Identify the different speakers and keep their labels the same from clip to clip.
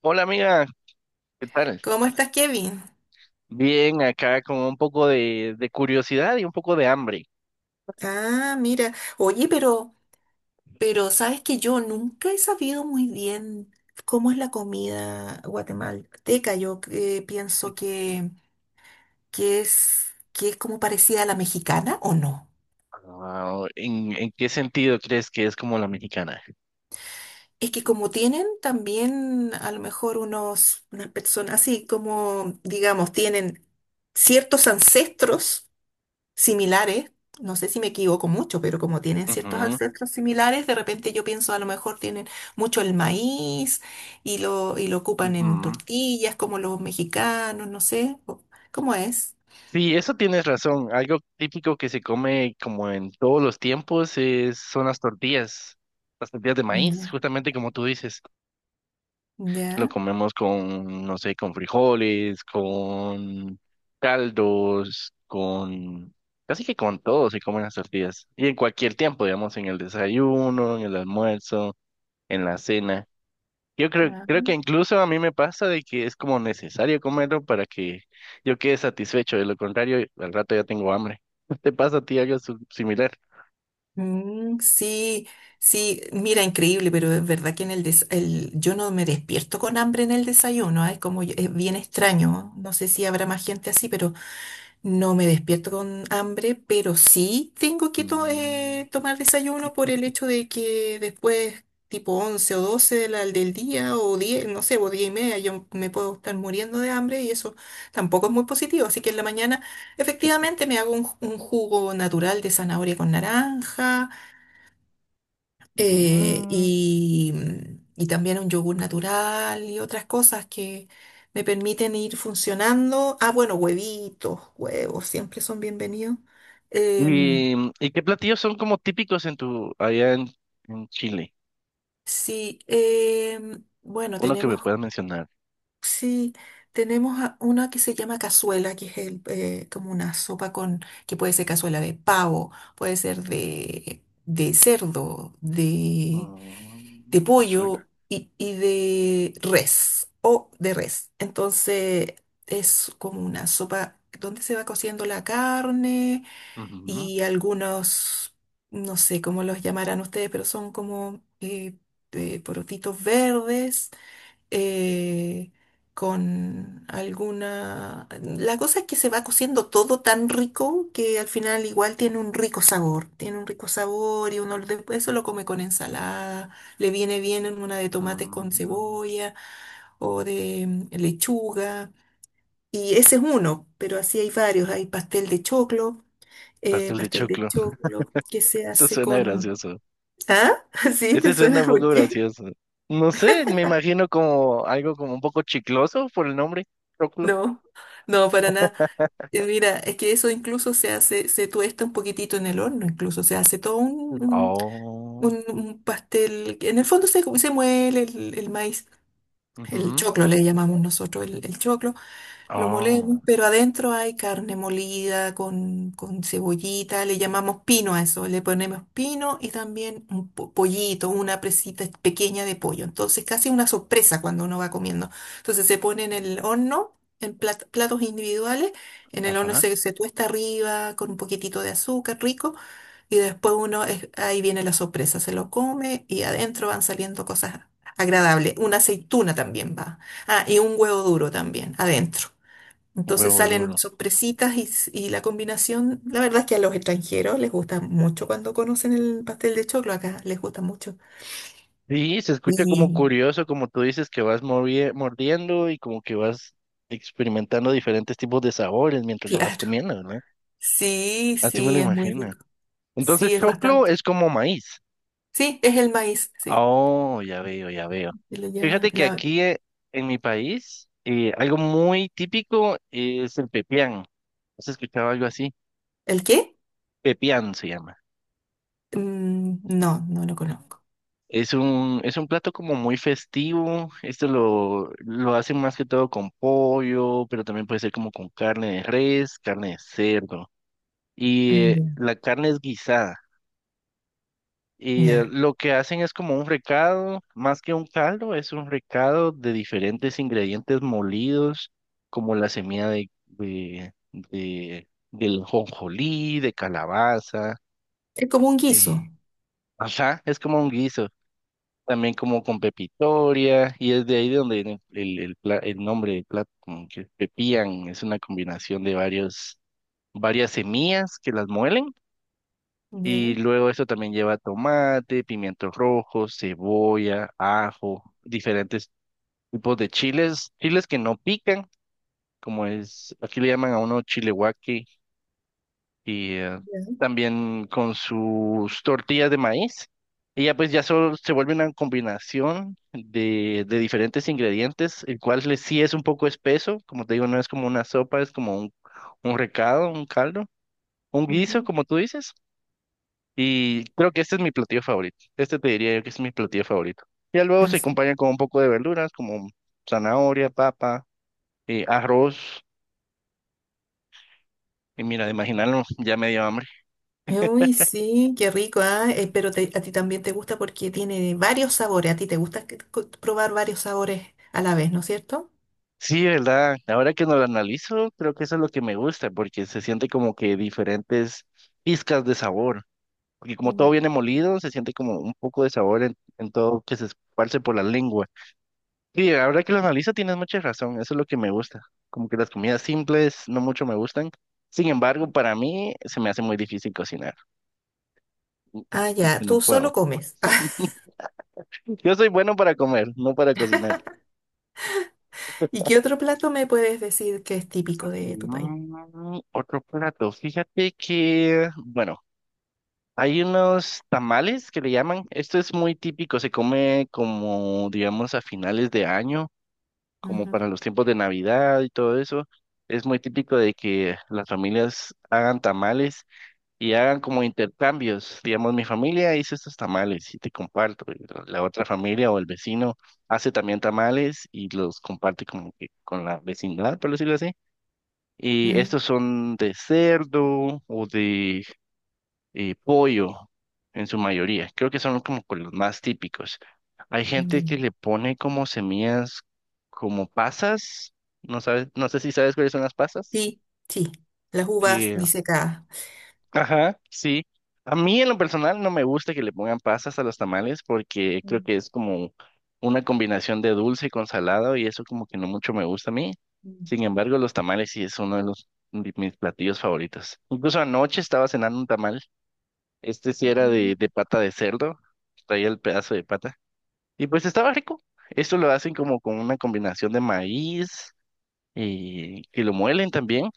Speaker 1: Hola amiga, ¿qué tal?
Speaker 2: ¿Cómo estás, Kevin?
Speaker 1: Bien, acá con un poco de curiosidad y un poco de hambre.
Speaker 2: Ah, mira. Oye, pero sabes que yo nunca he sabido muy bien cómo es la comida guatemalteca. Yo pienso
Speaker 1: Ujú.
Speaker 2: que es como parecida a la mexicana o no.
Speaker 1: Ah, en qué sentido crees que es como la mexicana?
Speaker 2: Es que como tienen también a lo mejor unas personas así como, digamos, tienen ciertos ancestros similares, no sé si me equivoco mucho, pero como tienen ciertos
Speaker 1: Ujú,
Speaker 2: ancestros similares, de repente yo pienso a lo mejor tienen mucho el maíz y lo ocupan en
Speaker 1: ujú.
Speaker 2: tortillas como los mexicanos, no sé, ¿cómo es?
Speaker 1: Sí, eso tienes razón. Algo típico que se come como en todos los tiempos es, son las tortillas de maíz,
Speaker 2: Ya,
Speaker 1: justamente como tú dices. Lo
Speaker 2: ya.
Speaker 1: comemos con, no sé, con frijoles, con caldos, con... Casi que con todo se comen las tortillas. Y en cualquier tiempo, digamos, en el desayuno, en el almuerzo, en la cena. Yo creo, creo que
Speaker 2: Ah.
Speaker 1: incluso a mí me pasa de que es como necesario comerlo para que yo quede satisfecho. De lo contrario, al rato ya tengo hambre. ¿Te pasa a ti algo similar?
Speaker 2: Mm, sí, sí, mira, increíble, pero es verdad que en el, des- el- yo no me despierto con hambre en el desayuno, ¿ah? Es como, es bien extraño, no sé si habrá más gente así, pero no me despierto con hambre, pero sí tengo que
Speaker 1: Mm,
Speaker 2: tomar desayuno por el hecho de que después, tipo 11 o 12 del día, o 10 no sé, o 10:30, yo me puedo estar muriendo de hambre y eso tampoco es muy positivo. Así que en la mañana, efectivamente, me hago un jugo natural de zanahoria con naranja eh,
Speaker 1: mm.
Speaker 2: y, y también un yogur natural y otras cosas que me permiten ir funcionando. Ah, bueno, huevitos, huevos, siempre son bienvenidos. Em,
Speaker 1: ¿Y, y qué platillos son como típicos en tu, allá en Chile?
Speaker 2: sí, bueno,
Speaker 1: Uno que me
Speaker 2: tenemos,
Speaker 1: puedas mencionar.
Speaker 2: sí, tenemos una que se llama cazuela, que es como una sopa con, que puede ser cazuela de pavo, puede ser de cerdo, de
Speaker 1: Mm, cazuela.
Speaker 2: pollo y de res o de res. Entonces es como una sopa donde se va cociendo la carne
Speaker 1: Ujú,
Speaker 2: y algunos, no sé cómo los llamarán ustedes, pero son como porotitos verdes eh, con alguna. La cosa es que se va cociendo todo tan rico que al final igual tiene un rico sabor, tiene un rico sabor y uno después eso lo come con ensalada, le viene bien en una de tomates con
Speaker 1: mm,
Speaker 2: cebolla o de lechuga. Y ese es uno, pero así hay varios. Hay
Speaker 1: pastel de
Speaker 2: pastel de
Speaker 1: choclo.
Speaker 2: choclo que se
Speaker 1: Eso
Speaker 2: hace
Speaker 1: suena
Speaker 2: con.
Speaker 1: gracioso.
Speaker 2: ¿Ah? ¿Sí? ¿Te
Speaker 1: Ese suena
Speaker 2: suena?
Speaker 1: un
Speaker 2: ¿Por
Speaker 1: poco
Speaker 2: qué?
Speaker 1: gracioso. No sé, me imagino como algo como un poco chicloso por el nombre, choclo.
Speaker 2: No, no, para nada. Mira, es que eso incluso se hace, se tuesta un poquitito en el horno, incluso se hace todo un, un-
Speaker 1: Oh,
Speaker 2: un- un pastel que en el fondo se muele el maíz, el
Speaker 1: ujú,
Speaker 2: choclo le llamamos nosotros, el choclo. Lo molemos,
Speaker 1: oh,
Speaker 2: pero adentro hay carne molida con cebollita, le llamamos pino a eso, le ponemos pino y también un pollito, una presita pequeña de pollo. Entonces casi una sorpresa cuando uno va comiendo. Entonces se pone en el horno, en platos individuales, en el horno
Speaker 1: ajá,
Speaker 2: se tuesta arriba con un poquitito de azúcar rico y después uno, ahí viene la sorpresa, se lo come y adentro van saliendo cosas agradables. Una aceituna también va. Ah, y un huevo duro también, adentro. Entonces
Speaker 1: huevo
Speaker 2: salen
Speaker 1: duro.
Speaker 2: sorpresitas y la combinación, la verdad es que a los extranjeros les gusta mucho cuando conocen el pastel de choclo, acá les gusta mucho.
Speaker 1: Sí, se escucha como
Speaker 2: Y
Speaker 1: curioso, como tú dices, que vas mordiendo y como que vas experimentando diferentes tipos de sabores mientras lo vas
Speaker 2: claro,
Speaker 1: comiendo, ¿verdad?
Speaker 2: sí,
Speaker 1: Así me lo
Speaker 2: sí, es muy
Speaker 1: imagino.
Speaker 2: rico,
Speaker 1: Entonces,
Speaker 2: sí, es
Speaker 1: choclo
Speaker 2: bastante.
Speaker 1: es como maíz.
Speaker 2: Sí, es el maíz, sí.
Speaker 1: Oh, ya veo, ya veo.
Speaker 2: Y lo llama-
Speaker 1: Fíjate que
Speaker 2: la-
Speaker 1: aquí en mi país, algo muy típico es el pepián. ¿Has escuchado algo así?
Speaker 2: ¿El qué?
Speaker 1: Pepián se llama.
Speaker 2: Mm, no, no lo conozco.
Speaker 1: Es un plato como muy festivo. Esto lo hacen más que todo con pollo, pero también puede ser como con carne de res, carne de cerdo. Y
Speaker 2: Mm,
Speaker 1: la carne es guisada.
Speaker 2: ya,
Speaker 1: Y
Speaker 2: ya.
Speaker 1: lo que hacen es como un recado, más que un caldo, es un recado de diferentes ingredientes molidos, como la semilla del jonjolí, de calabaza.
Speaker 2: Es como un
Speaker 1: eh,
Speaker 2: guiso.
Speaker 1: ajá, es como un guiso. También como con pepitoria, y es de ahí de donde viene el nombre del plato, como que pepián, es una combinación de varios, varias semillas que las muelen, y
Speaker 2: Ya,
Speaker 1: luego esto también lleva tomate, pimientos rojos, cebolla, ajo, diferentes tipos de chiles, chiles que no pican, como es, aquí le llaman a uno chile guaque, y
Speaker 2: ya.
Speaker 1: también con sus tortillas de maíz. Y ya pues ya solo se vuelve una combinación de diferentes ingredientes, el cual sí es un poco espeso, como te digo, no es como una sopa, es como un recado, un caldo, un guiso,
Speaker 2: Ujú.
Speaker 1: como tú dices. Y creo que este es mi platillo favorito. Este te diría yo que es mi platillo favorito. Ya luego se acompaña con un poco de verduras, como zanahoria, papa, arroz. Y mira, de imaginarlo, ya me dio hambre.
Speaker 2: Uy, sí, qué rico, ah, pero a ti también te gusta porque tiene varios sabores. A ti te gusta probar varios sabores a la vez, ¿no es cierto?
Speaker 1: Sí, ¿verdad? Ahora que no lo analizo, creo que eso es lo que me gusta, porque se siente como que diferentes pizcas de sabor. Porque como todo
Speaker 2: Mm.
Speaker 1: viene molido, se siente como un poco de sabor en todo que se esparce por la lengua. Y ahora que lo analizo, tienes mucha razón, eso es lo que me gusta. Como que las comidas simples no mucho me gustan. Sin embargo, para mí se me hace muy difícil cocinar. Mm.
Speaker 2: Ah,
Speaker 1: Como
Speaker 2: ya,
Speaker 1: que no
Speaker 2: tú
Speaker 1: puedo.
Speaker 2: solo comes.
Speaker 1: Yo soy bueno para comer, no para cocinar.
Speaker 2: ¿Y qué otro plato me puedes decir que es típico de tu país?
Speaker 1: Mm, otro plato, fíjate que, bueno. Hay unos tamales que le llaman. Esto es muy típico, se come como, digamos, a finales de año, como
Speaker 2: Ujú,
Speaker 1: para los tiempos de Navidad y todo eso. Es muy típico de que las familias hagan tamales y hagan como intercambios. Digamos, mi familia hizo estos tamales y te comparto. Y la otra familia o el vecino hace también tamales y los comparte como que con la vecindad, por decirlo así. Y
Speaker 2: mm,
Speaker 1: estos son de cerdo o de pollo en su mayoría. Creo que son como con los más típicos. Hay gente que
Speaker 2: ya.
Speaker 1: le pone como semillas, como pasas. No sabes, no sé si sabes cuáles son las pasas.
Speaker 2: Sí, sí, las uvas
Speaker 1: Eh,
Speaker 2: disecadas.
Speaker 1: Ajá, sí. A mí en lo personal no me gusta que le pongan pasas a los tamales porque creo
Speaker 2: Mm,
Speaker 1: que es como una combinación de dulce con salado y eso como que no mucho me gusta a mí.
Speaker 2: mm,
Speaker 1: Sin embargo, los tamales sí es uno de los de mis platillos favoritos. Incluso anoche estaba cenando un tamal, este sí era de,
Speaker 2: mm,
Speaker 1: de pata de cerdo, traía el pedazo de pata. Y pues estaba rico. Esto lo hacen como con una combinación de maíz y que lo muelen también,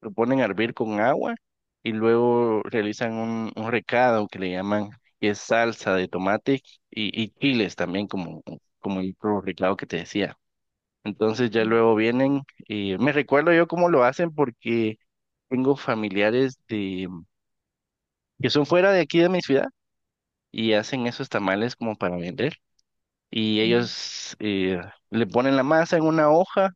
Speaker 1: lo ponen a hervir con agua y luego realizan un recado que le llaman, que es salsa de tomate y chiles también, como, como el otro recado que te decía. Entonces ya
Speaker 2: mm,
Speaker 1: luego vienen y me recuerdo yo cómo lo hacen porque tengo familiares que son fuera de aquí de mi ciudad y hacen esos tamales como para vender. Y
Speaker 2: mm.
Speaker 1: ellos le ponen la masa en una hoja,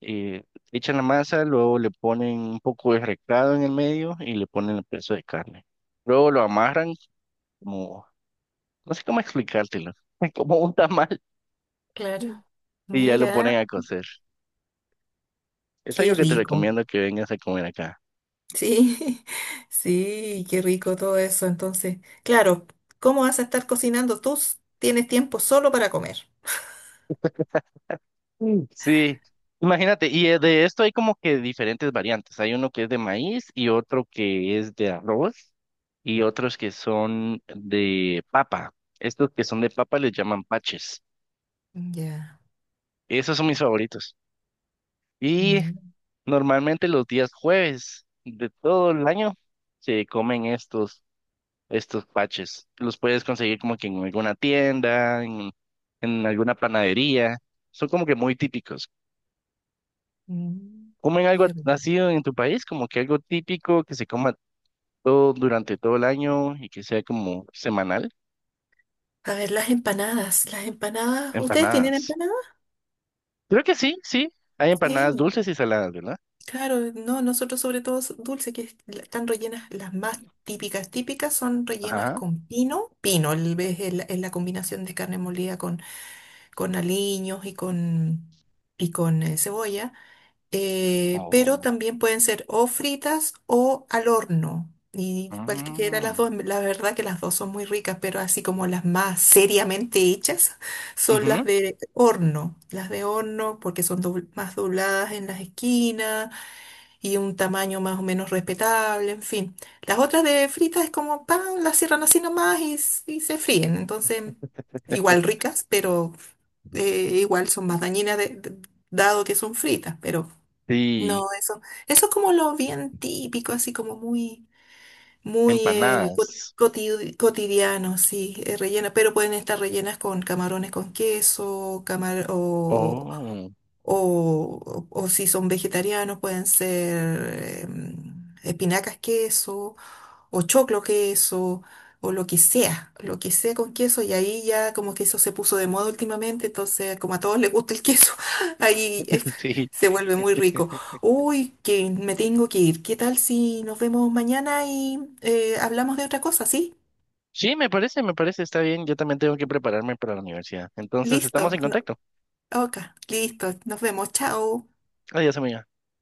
Speaker 1: eh, echan la masa, luego le ponen un poco de recado en el medio y le ponen el pedazo de carne. Luego lo amarran como, no sé cómo explicártelo, como un tamal
Speaker 2: Claro.
Speaker 1: y ya lo
Speaker 2: Mira,
Speaker 1: ponen a cocer. Es
Speaker 2: qué
Speaker 1: algo que te
Speaker 2: rico.
Speaker 1: recomiendo que vengas a comer acá.
Speaker 2: Sí, sí, qué rico todo eso. Entonces, claro, ¿cómo vas a estar cocinando? Tú tienes tiempo solo para comer.
Speaker 1: Mm. Sí, imagínate, y de esto hay como que diferentes variantes. Hay uno que es de maíz y otro que es de arroz y otros que son de papa. Estos que son de papa les llaman paches.
Speaker 2: Ya,
Speaker 1: Esos son mis favoritos. Y
Speaker 2: mi,
Speaker 1: normalmente los días jueves de todo el año se comen estos, estos paches. Los puedes conseguir como que en alguna tienda, en alguna panadería. Son como que muy típicos.
Speaker 2: mm,
Speaker 1: ¿Comen algo
Speaker 2: qué rico.
Speaker 1: así en tu país? Como que algo típico que se coma todo durante todo el año y que sea como semanal.
Speaker 2: A ver, las empanadas, las empanadas. ¿Ustedes tienen
Speaker 1: Empanadas.
Speaker 2: empanadas?
Speaker 1: Creo que sí, sí. Hay empanadas
Speaker 2: Sí,
Speaker 1: dulces y saladas, ¿verdad?
Speaker 2: claro, no, nosotros sobre todo dulce, que están rellenas, las más típicas, típicas son rellenas
Speaker 1: Ajá.
Speaker 2: con pino. Pino, es la combinación de carne molida con aliños y con cebolla. Pero
Speaker 1: Oh.
Speaker 2: también pueden ser o fritas o al horno. Y cualquiera de las
Speaker 1: Mm,
Speaker 2: dos, la verdad que las dos son muy ricas, pero así como las más seriamente hechas son las
Speaker 1: ujú,
Speaker 2: de horno. Las de horno porque son más dobladas en las esquinas y un tamaño más o menos respetable, en fin. Las otras de fritas es como pan, las cierran así nomás y se fríen. Entonces, igual ricas, pero igual son más dañinas dado que son fritas, pero.
Speaker 1: sí,
Speaker 2: No, eso es como lo bien típico, así como muy, muy
Speaker 1: empanadas.
Speaker 2: cotidiano, sí, rellena, pero pueden estar rellenas con camarones con queso, camar
Speaker 1: Oh,
Speaker 2: o si son vegetarianos pueden ser espinacas queso, o choclo queso, o lo que sea con queso, y ahí ya como que eso se puso de moda últimamente, entonces como a todos les gusta el queso, ahí
Speaker 1: sí.
Speaker 2: se vuelve muy rico. Uy, que me tengo que ir. ¿Qué tal si nos vemos mañana y hablamos de otra cosa, sí?
Speaker 1: Sí, me parece, está bien. Yo también tengo que prepararme para la universidad. Entonces,
Speaker 2: Listo,
Speaker 1: estamos en contacto.
Speaker 2: ok, listo, nos vemos, chao.
Speaker 1: Adiós, amiga.